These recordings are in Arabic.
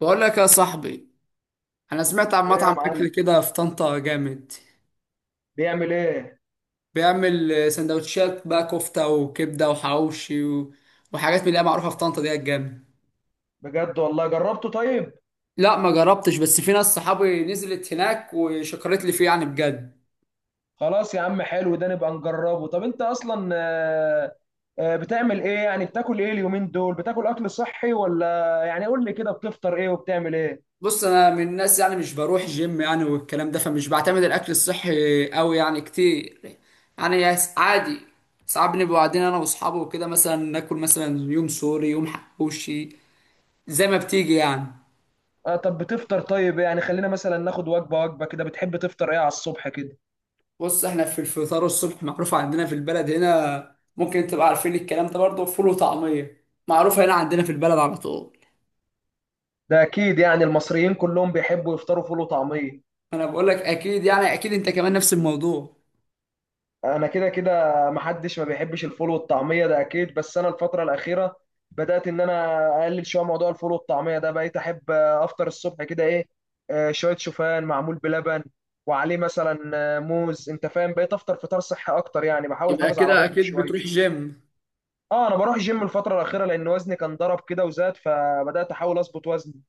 بقول لك يا صاحبي، انا سمعت عن ايه يا مطعم معلم؟ اكل كده في طنطا جامد. بيعمل ايه؟ بيعمل سندوتشات بقى، كفته وكبده وحواوشي و... وحاجات من اللي هي معروفه في طنطا دي جامد. بجد والله، جربته طيب؟ لا ما جربتش، بس في ناس صحابي نزلت هناك وشكرت لي فيه يعني بجد. خلاص يا عم، حلو ده نبقى نجربه. طب انت اصلا بتعمل ايه يعني؟ بتاكل ايه اليومين دول؟ بتاكل اكل صحي ولا يعني؟ قول لي كده، بتفطر ايه وبتعمل ايه؟ بص انا من الناس يعني مش بروح جيم يعني والكلام ده، فمش بعتمد الاكل الصحي قوي يعني كتير. يعني عادي، ساعات بنبقى قاعدين انا واصحابي وكده مثلا، ناكل مثلا يوم سوري يوم حواوشي زي ما بتيجي يعني. اه طب بتفطر طيب ايه؟ يعني خلينا مثلا ناخد وجبة وجبة كده، بتحب تفطر ايه على الصبح كده؟ بص احنا في الفطار الصبح معروف عندنا في البلد هنا، ممكن انت تبقى عارفين الكلام ده برضه، فول وطعمية معروفة هنا عندنا في البلد على طول. ده اكيد يعني المصريين كلهم بيحبوا يفطروا فول وطعمية. انا بقول لك اكيد يعني، اكيد انت كمان نفس الموضوع. انا كده كده محدش ما بيحبش الفول والطعميه ده اكيد، بس انا الفتره الاخيره بدات ان انا اقلل شويه موضوع الفول والطعميه ده. بقيت احب افطر الصبح كده ايه، شويه شوفان معمول بلبن، وعليه مثلا موز. انت فاهم، بقيت افطر فطار صحي اكتر يعني، بحاول يبقى احافظ على كده بطني اكيد شويه. بتروح جيم. اه انا بروح جيم الفتره الاخيره، لان وزني كان ضرب كده وزاد، فبدات احاول اظبط وزني.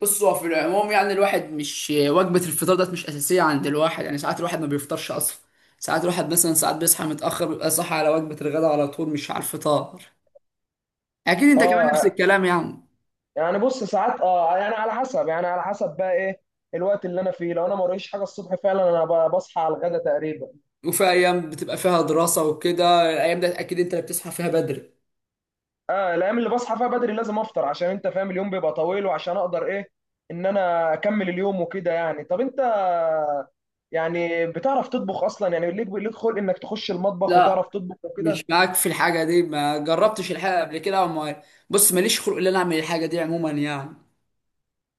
بص هو في العموم يعني الواحد مش وجبة الفطار ده مش أساسية عند الواحد، يعني ساعات الواحد ما بيفطرش أصلا. ساعات الواحد مثلا، ساعات بيصحى متأخر بيبقى صاحي على وجبة الغداء على طول، مش على الفطار. أكيد أنت كمان نفس اه الكلام يعني. يعني بص ساعات اه، يعني على حسب، يعني على حسب بقى ايه الوقت اللي انا فيه. لو انا ما وريش حاجه الصبح، فعلا انا بصحى على الغدا تقريبا. وفي أيام بتبقى فيها دراسة وكده، الأيام ده أكيد أنت اللي بتصحى فيها بدري. اه الايام اللي بصحى فيها بدري لازم افطر، عشان انت فاهم اليوم بيبقى طويل، وعشان اقدر ايه ان انا اكمل اليوم وكده يعني. طب انت يعني بتعرف تطبخ اصلا؟ يعني ليك خلق انك تخش المطبخ لا وتعرف تطبخ مش وكده؟ معاك في الحاجة دي، ما جربتش الحاجة قبل كده وما... بص ماليش خلق ان انا اعمل الحاجة دي عموما يعني.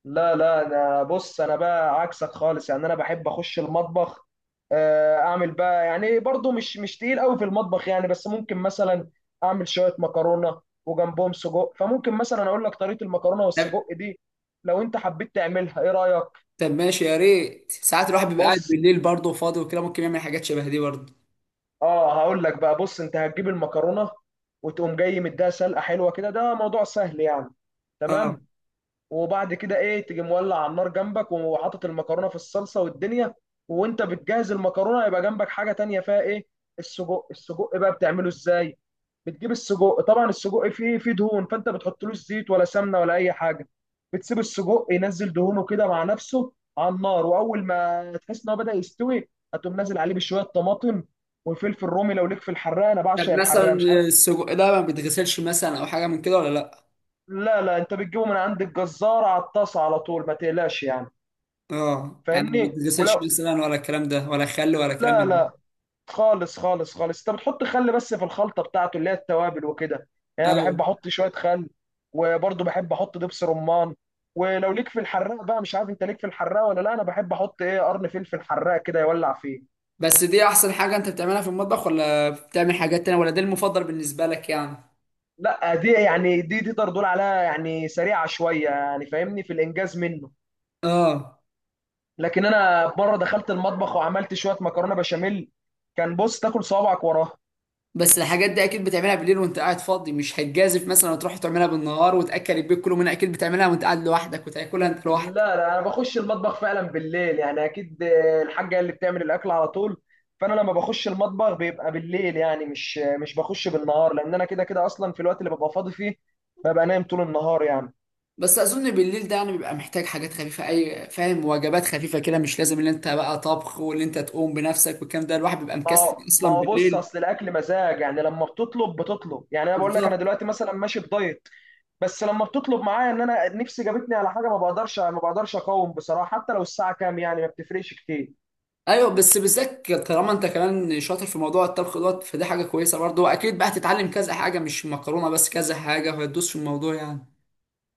لا لا، انا بص، انا بقى عكسك خالص يعني، انا بحب اخش المطبخ، اعمل بقى يعني، برضو مش تقيل قوي في المطبخ يعني، بس ممكن مثلا اعمل شوية مكرونة وجنبهم سجق. فممكن مثلا اقول لك طريقة المكرونة طب والسجق دي، لو انت حبيت تعملها. ايه رأيك؟ طب ماشي، يا ريت. ساعات الواحد بيبقى قاعد بص بالليل برضه وفاضي وكده، ممكن يعمل حاجات شبه دي برضه. اه، هقول لك بقى. بص، انت هتجيب المكرونه وتقوم جاي مديها سلقه حلوه كده، ده موضوع سهل يعني. اه تمام. وبعد كده ايه، تيجي مولع على النار جنبك وحاطط المكرونه في الصلصه والدنيا. وانت بتجهز المكرونه يبقى جنبك حاجه تانية فيها ايه؟ السجق. السجق بقى بتعمله ازاي؟ بتجيب السجق طبعا. السجق فيه دهون، فانت بتحطلوش زيت ولا سمنه ولا اي حاجه. بتسيب السجق ينزل دهونه كده مع نفسه على النار، واول ما تحس ان هو بدا يستوي هتقوم نازل عليه بشويه طماطم وفلفل رومي. لو ليك في الحراق، انا طب بعشق مثلا الحراق، مش عارف. السجق ده ما بيتغسلش مثلا، او حاجة من كده ولا لا؟ لا لا، انت بتجيبه من عند الجزار على الطاسه على طول، ما تقلقش يعني. اه يعني ما فاهمني. بيتغسلش ولو، مثلا، ولا الكلام ده، ولا خل، ولا كلام لا من لا، ده؟ خالص خالص خالص، انت بتحط خل بس في الخلطه بتاعته اللي هي التوابل وكده يعني. انا ايوه. بحب احط شويه خل، وبرضه بحب احط دبس رمان. ولو ليك في الحراق بقى، مش عارف انت ليك في الحراق ولا لا، انا بحب احط ايه، قرن فلفل حراق كده يولع فيه. بس دي احسن حاجة انت بتعملها في المطبخ، ولا بتعمل حاجات تانية، ولا ده المفضل بالنسبة لك يعني؟ لا دي تقدر تقول عليها يعني سريعه شويه يعني، فاهمني، في الانجاز منه. اه. لكن انا مره دخلت المطبخ وعملت شويه مكرونه بشاميل، كان بص تاكل صوابعك وراها. بس الحاجات دي اكيد بتعملها بالليل وانت قاعد فاضي، مش هتجازف مثلا وتروح تعملها بالنهار وتاكل البيت كله منها، اكيد بتعملها وانت قاعد لوحدك وتاكلها انت لا لوحدك. لا، انا بخش المطبخ فعلا بالليل يعني، اكيد، الحاجه اللي بتعمل الاكل على طول. فانا لما بخش المطبخ بيبقى بالليل يعني، مش بخش بالنهار، لان انا كده كده اصلا في الوقت اللي ببقى فاضي فيه ببقى نايم طول النهار يعني. بس اظن بالليل ده يعني بيبقى محتاج حاجات خفيفه، اي فاهم، وجبات خفيفه كده، مش لازم ان انت بقى طبخ وان انت تقوم بنفسك والكلام ده، الواحد بيبقى ما مكسل هو ما اصلا هو بص، بالليل. اصل الاكل مزاج يعني. لما بتطلب يعني، انا بقول لك انا بالظبط. دلوقتي مثلا ماشي بدايت. بس لما بتطلب معايا ان انا نفسي جابتني على حاجه، ما بقدرش اقاوم بصراحه، حتى لو الساعه كام، يعني ما بتفرقش كتير. ايوه بس بالذات طالما انت كمان شاطر في موضوع الطبخ دوت، فدي حاجه كويسه برضه، واكيد بقى هتتعلم كذا حاجه، مش مكرونه بس، كذا حاجه، فهتدوس في الموضوع يعني.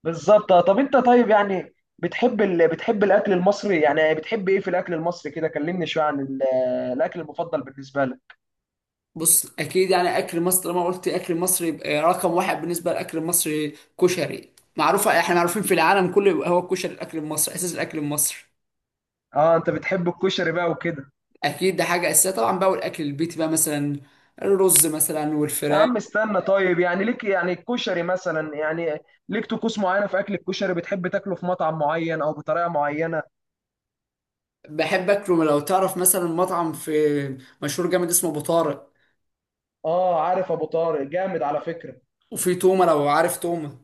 بالظبط. طب انت طيب يعني، بتحب الاكل المصري يعني؟ بتحب ايه في الاكل المصري كده؟ كلمني شويه عن الاكل المفضل بالنسبه لك. بص اكيد يعني اكل مصر، لما قلت اكل مصر يبقى رقم واحد بالنسبه للاكل المصري كشري، معروفه احنا معروفين في العالم كله، يبقى هو الكشري الاكل المصري، اساس الاكل المصري. اه انت بتحب الكشري بقى وكده؟ اكيد ده حاجه اساسيه طبعا بقى، والاكل البيتي بقى مثلا، الرز مثلا يا والفراخ. عم استنى طيب، يعني ليك يعني الكشري مثلا، يعني ليك طقوس معينه في اكل الكشري؟ بتحب تاكله في مطعم معين او بطريقه معينه؟ بحب اكله لو تعرف مثلا مطعم في، مشهور جامد اسمه ابو طارق، اه عارف ابو طارق، جامد على فكره. وفي تومه لو عارف تومه.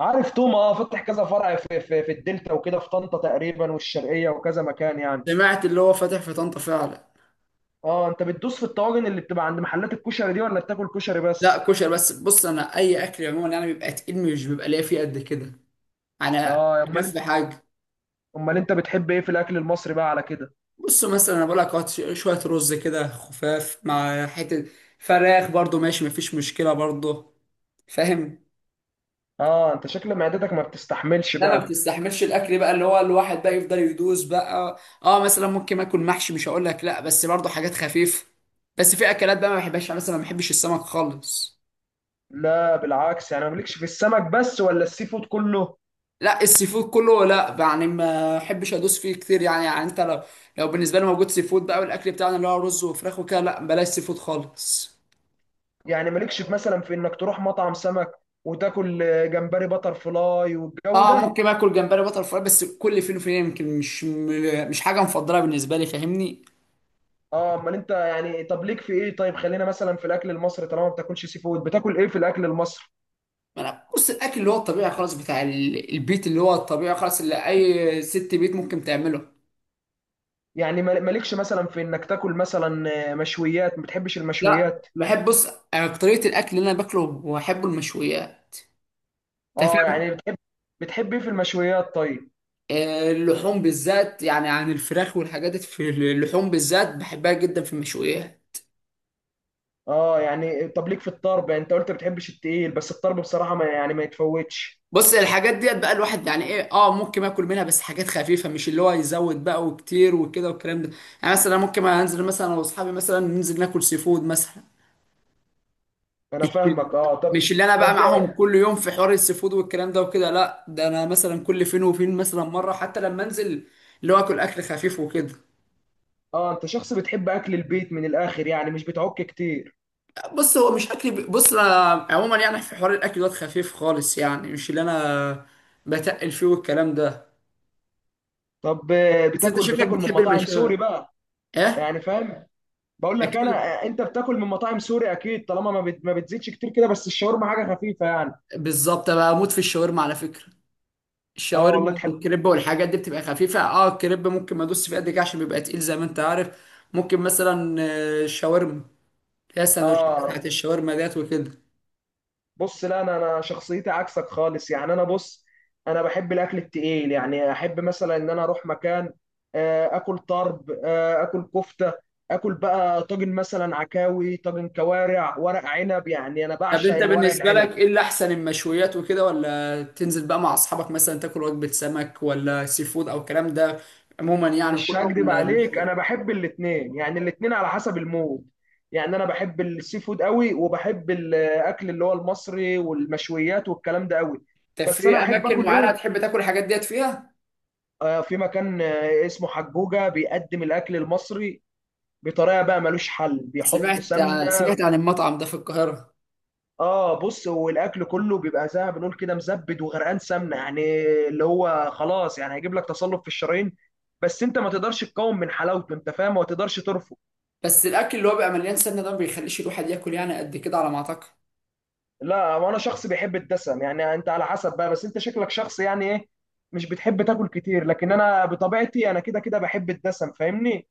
عارف توما، اه فتح كذا فرع في الدلتا وكده، في طنطا تقريبا والشرقيه وكذا مكان يعني. سمعت اللي هو فاتح في طنطا فعلا. اه انت بتدوس في الطواجن اللي بتبقى عند محلات الكشري دي ولا بتاكل كشري لا بس؟ كشري بس. بص انا اي اكل عموما يعني بيبقى تقيل، مش بيبقى ليا فيه قد كده. انا اه امال انت اخف حاجه. امال انت بتحب ايه في الاكل المصري بقى على كده؟ بص مثلا انا بقول لك، هات شويه رز كده خفاف مع حته فراخ برضو، ماشي مفيش مشكله برضو، فاهم. اه انت شكل معدتك ما بتستحملش ده ما بقى. بتستحملش الاكل بقى اللي هو الواحد بقى يفضل يدوس بقى. اه مثلا ممكن اكل محشي، مش هقول لك لا، بس برضو حاجات خفيفه. بس في اكلات بقى ما بحبهاش يعني، مثلا ما بحبش السمك خالص. لا بالعكس، يعني مالكش في السمك بس ولا السي فود كله؟ لا السي فود كله لا، يعني ما بحبش ادوس فيه كتير يعني. يعني انت لو بالنسبه لي موجود سي فود بقى والاكل بتاعنا اللي هو رز وفراخ وكده، لا بلاش سي فود خالص. يعني مالكش في مثلا في انك تروح مطعم سمك وتاكل جمبري بتر فلاي والجو اه ده؟ ممكن اكل جمبري بتر فراي بس كل فين وفين، يمكن مش حاجه مفضله بالنسبه لي فاهمني. اه امال انت يعني، طب ليك في ايه طيب. خلينا مثلا في الاكل المصري، طالما ما بتاكلش سي فود، بتاكل ايه في الاكل المصري؟ ما انا بص الاكل اللي هو الطبيعي خالص بتاع البيت اللي هو الطبيعي خالص، اللي اي ست بيت ممكن تعمله. يعني مالكش مثلا في انك تاكل مثلا مشويات؟ ما بتحبش لا المشويات؟ بحب بص، طريقه الاكل اللي انا باكله واحبه المشويات، انت اه فاهم. يعني بتحب ايه في المشويات طيب؟ اللحوم بالذات يعني، عن الفراخ والحاجات دي، في اللحوم بالذات بحبها جدا في المشويات. اه يعني طب ليك في الطرب يعني؟ انت قلت ما بتحبش التقيل، بس الطرب بصراحه ما، يعني ما يتفوتش. بص الحاجات ديت بقى الواحد يعني ايه، اه ممكن اكل منها بس حاجات خفيفه، مش اللي هو يزود بقى وكتير وكده والكلام ده. يعني مثلا ممكن انزل مثلا انا واصحابي مثلا ننزل ناكل سي فود مثلا، انا مش فاهمك. اه طب. مش اللي انا بقى طب معاهم كل يوم في حوار السي فود والكلام ده وكده، لا ده انا مثلا كل فين وفين مثلا مره حتى لما انزل، اللي هو اكل خفيف وكده. اه انت شخص بتحب اكل البيت من الاخر يعني، مش بتعك كتير. بص هو مش اكل بص أنا عموما يعني في حوار الاكل دوت خفيف خالص يعني، مش اللي انا بتقل فيه والكلام ده. طب بس انت شكلك بتاكل من بتحب مطاعم سوري المشاوي. بقى؟ ايه يعني فاهم، بقول لك انا اكيد. انت بتاكل من مطاعم سوري اكيد طالما ما بتزيدش كتير كده، بس الشاورما حاجه خفيفه يعني. بالظبط بقى، اموت في الشاورما على فكره. اه الشاورما والله تحب. والكريب والحاجات دي بتبقى خفيفه، اه الكريب ممكن ما ادوس فيه قد كده عشان بيبقى تقيل زي ما انت عارف. ممكن مثلا الشاورما اللي هي السندوتشات اه بتاعت الشاورما ديت وكده. بص، لا، انا شخصيتي عكسك خالص يعني. انا بص، انا بحب الاكل التقيل يعني، احب مثلا ان انا اروح مكان اكل طرب، اكل كفته، اكل بقى طاجن مثلا، عكاوي، طاجن كوارع، ورق عنب. يعني انا طب بعشق انت الورق بالنسبه العنب. لك ايه اللي احسن؟ المشويات وكده، ولا تنزل بقى مع اصحابك مثلا تاكل وجبه سمك، ولا سي فود او الكلام ده عموما يعني، مش كله هكدب ولا مش؟ عليك، انا بحب الاتنين، يعني الاتنين على حسب المود يعني. انا بحب السي فود قوي، وبحب الاكل اللي هو المصري والمشويات والكلام ده قوي. طب بس في انا احب اماكن اكل معينه ايه، تحب تاكل الحاجات ديت فيها؟ في مكان اسمه حجوجة، بيقدم الأكل المصري بطريقة بقى ملوش حل، بيحط سمعت سمنة. سمعت عن المطعم ده في القاهره. اه بص، والأكل كله بيبقى زي ما بنقول كده مزبد وغرقان سمنة يعني، اللي هو خلاص يعني هيجيب لك تصلب في الشرايين، بس انت ما تقدرش تقاوم من حلاوته، انت فاهم، ما تقدرش ترفض. بس الاكل اللي هو بيبقى مليان سمنه ده ما بيخليش الواحد ياكل يعني قد كده على ما اعتقد. لا وانا شخص بيحب الدسم يعني، انت على حسب بقى، بس انت شكلك شخص يعني ايه، مش بتحب تاكل كتير، لكن انا بطبيعتي انا كده كده بحب الدسم، فاهمني.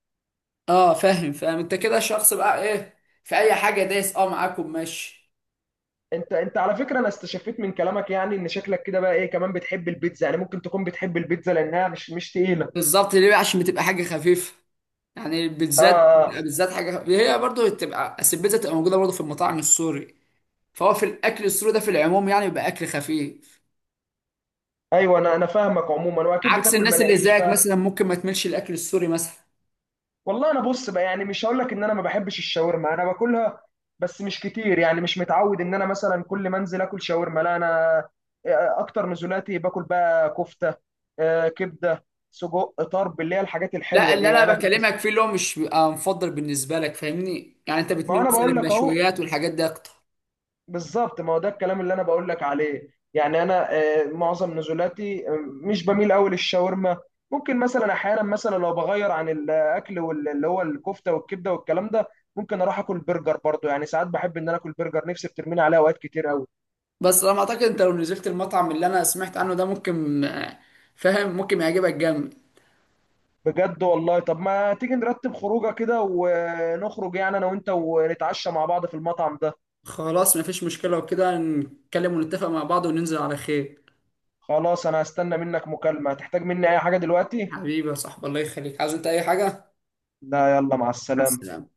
اه فاهم فاهم، انت كده شخص بقى ايه، في اي حاجه دايس اه معاكم ماشي. انت على فكره انا استشفيت من كلامك يعني ان شكلك كده بقى ايه كمان، بتحب البيتزا يعني. ممكن تكون بتحب البيتزا لانها مش تقيله. بالظبط، ليه بقى؟ عشان بتبقى حاجه خفيفه. يعني اه بالذات اه بتبقى آه. بالذات حاجه هي برضه بتبقى أصل البيتزا، بتبقى موجوده برضه في المطاعم السوري. فهو في الاكل السوري ده في العموم يعني بيبقى اكل خفيف، ايوه، انا فاهمك عموما، واكيد عكس بتاكل الناس اللي مناقيش زيك بقى. مثلا ممكن ما تملش الاكل السوري مثلا. والله انا بص بقى، يعني مش هقول لك ان انا ما بحبش الشاورما، انا باكلها بس مش كتير يعني. مش متعود ان انا مثلا كل ما انزل اكل شاورما، لا انا اكتر نزولاتي باكل بقى كفته، آه كبده، سجق، طرب، اللي هي الحاجات لا الحلوه اللي دي. انا انا بكلمك بالنسبه، فيه اللي هو مش بيبقى مفضل بالنسبه لك فاهمني، يعني انت ما بتميل انا مثلا بقول لك اهو. للمشويات والحاجات دي اكتر. بالظبط، ما هو ده الكلام اللي انا بقول لك عليه يعني. انا معظم نزولاتي مش بميل قوي للشاورما. ممكن مثلا احيانا، مثلا لو بغير عن الاكل اللي هو الكفته والكبده والكلام ده، ممكن اروح اكل برجر برضو يعني. ساعات بحب ان انا اكل برجر، نفسي بترميني عليها اوقات كتير قوي. بس انا اعتقد انت لو نزلت المطعم اللي انا سمعت عنه ده ممكن فاهم، ممكن يعجبك جامد. بجد والله؟ طب ما تيجي نرتب خروجه كده ونخرج يعني انا وانت، ونتعشى مع بعض في المطعم ده. خلاص مفيش مشكلة، وكده نتكلم ونتفق مع بعض وننزل على خير. خلاص، انا هستنى منك مكالمه. هتحتاج مني اي حاجه دلوقتي؟ حبيبي يا صاحبي، الله يخليك. عايز انت اي حاجة؟ لا يلا، مع مع السلامه. السلامة.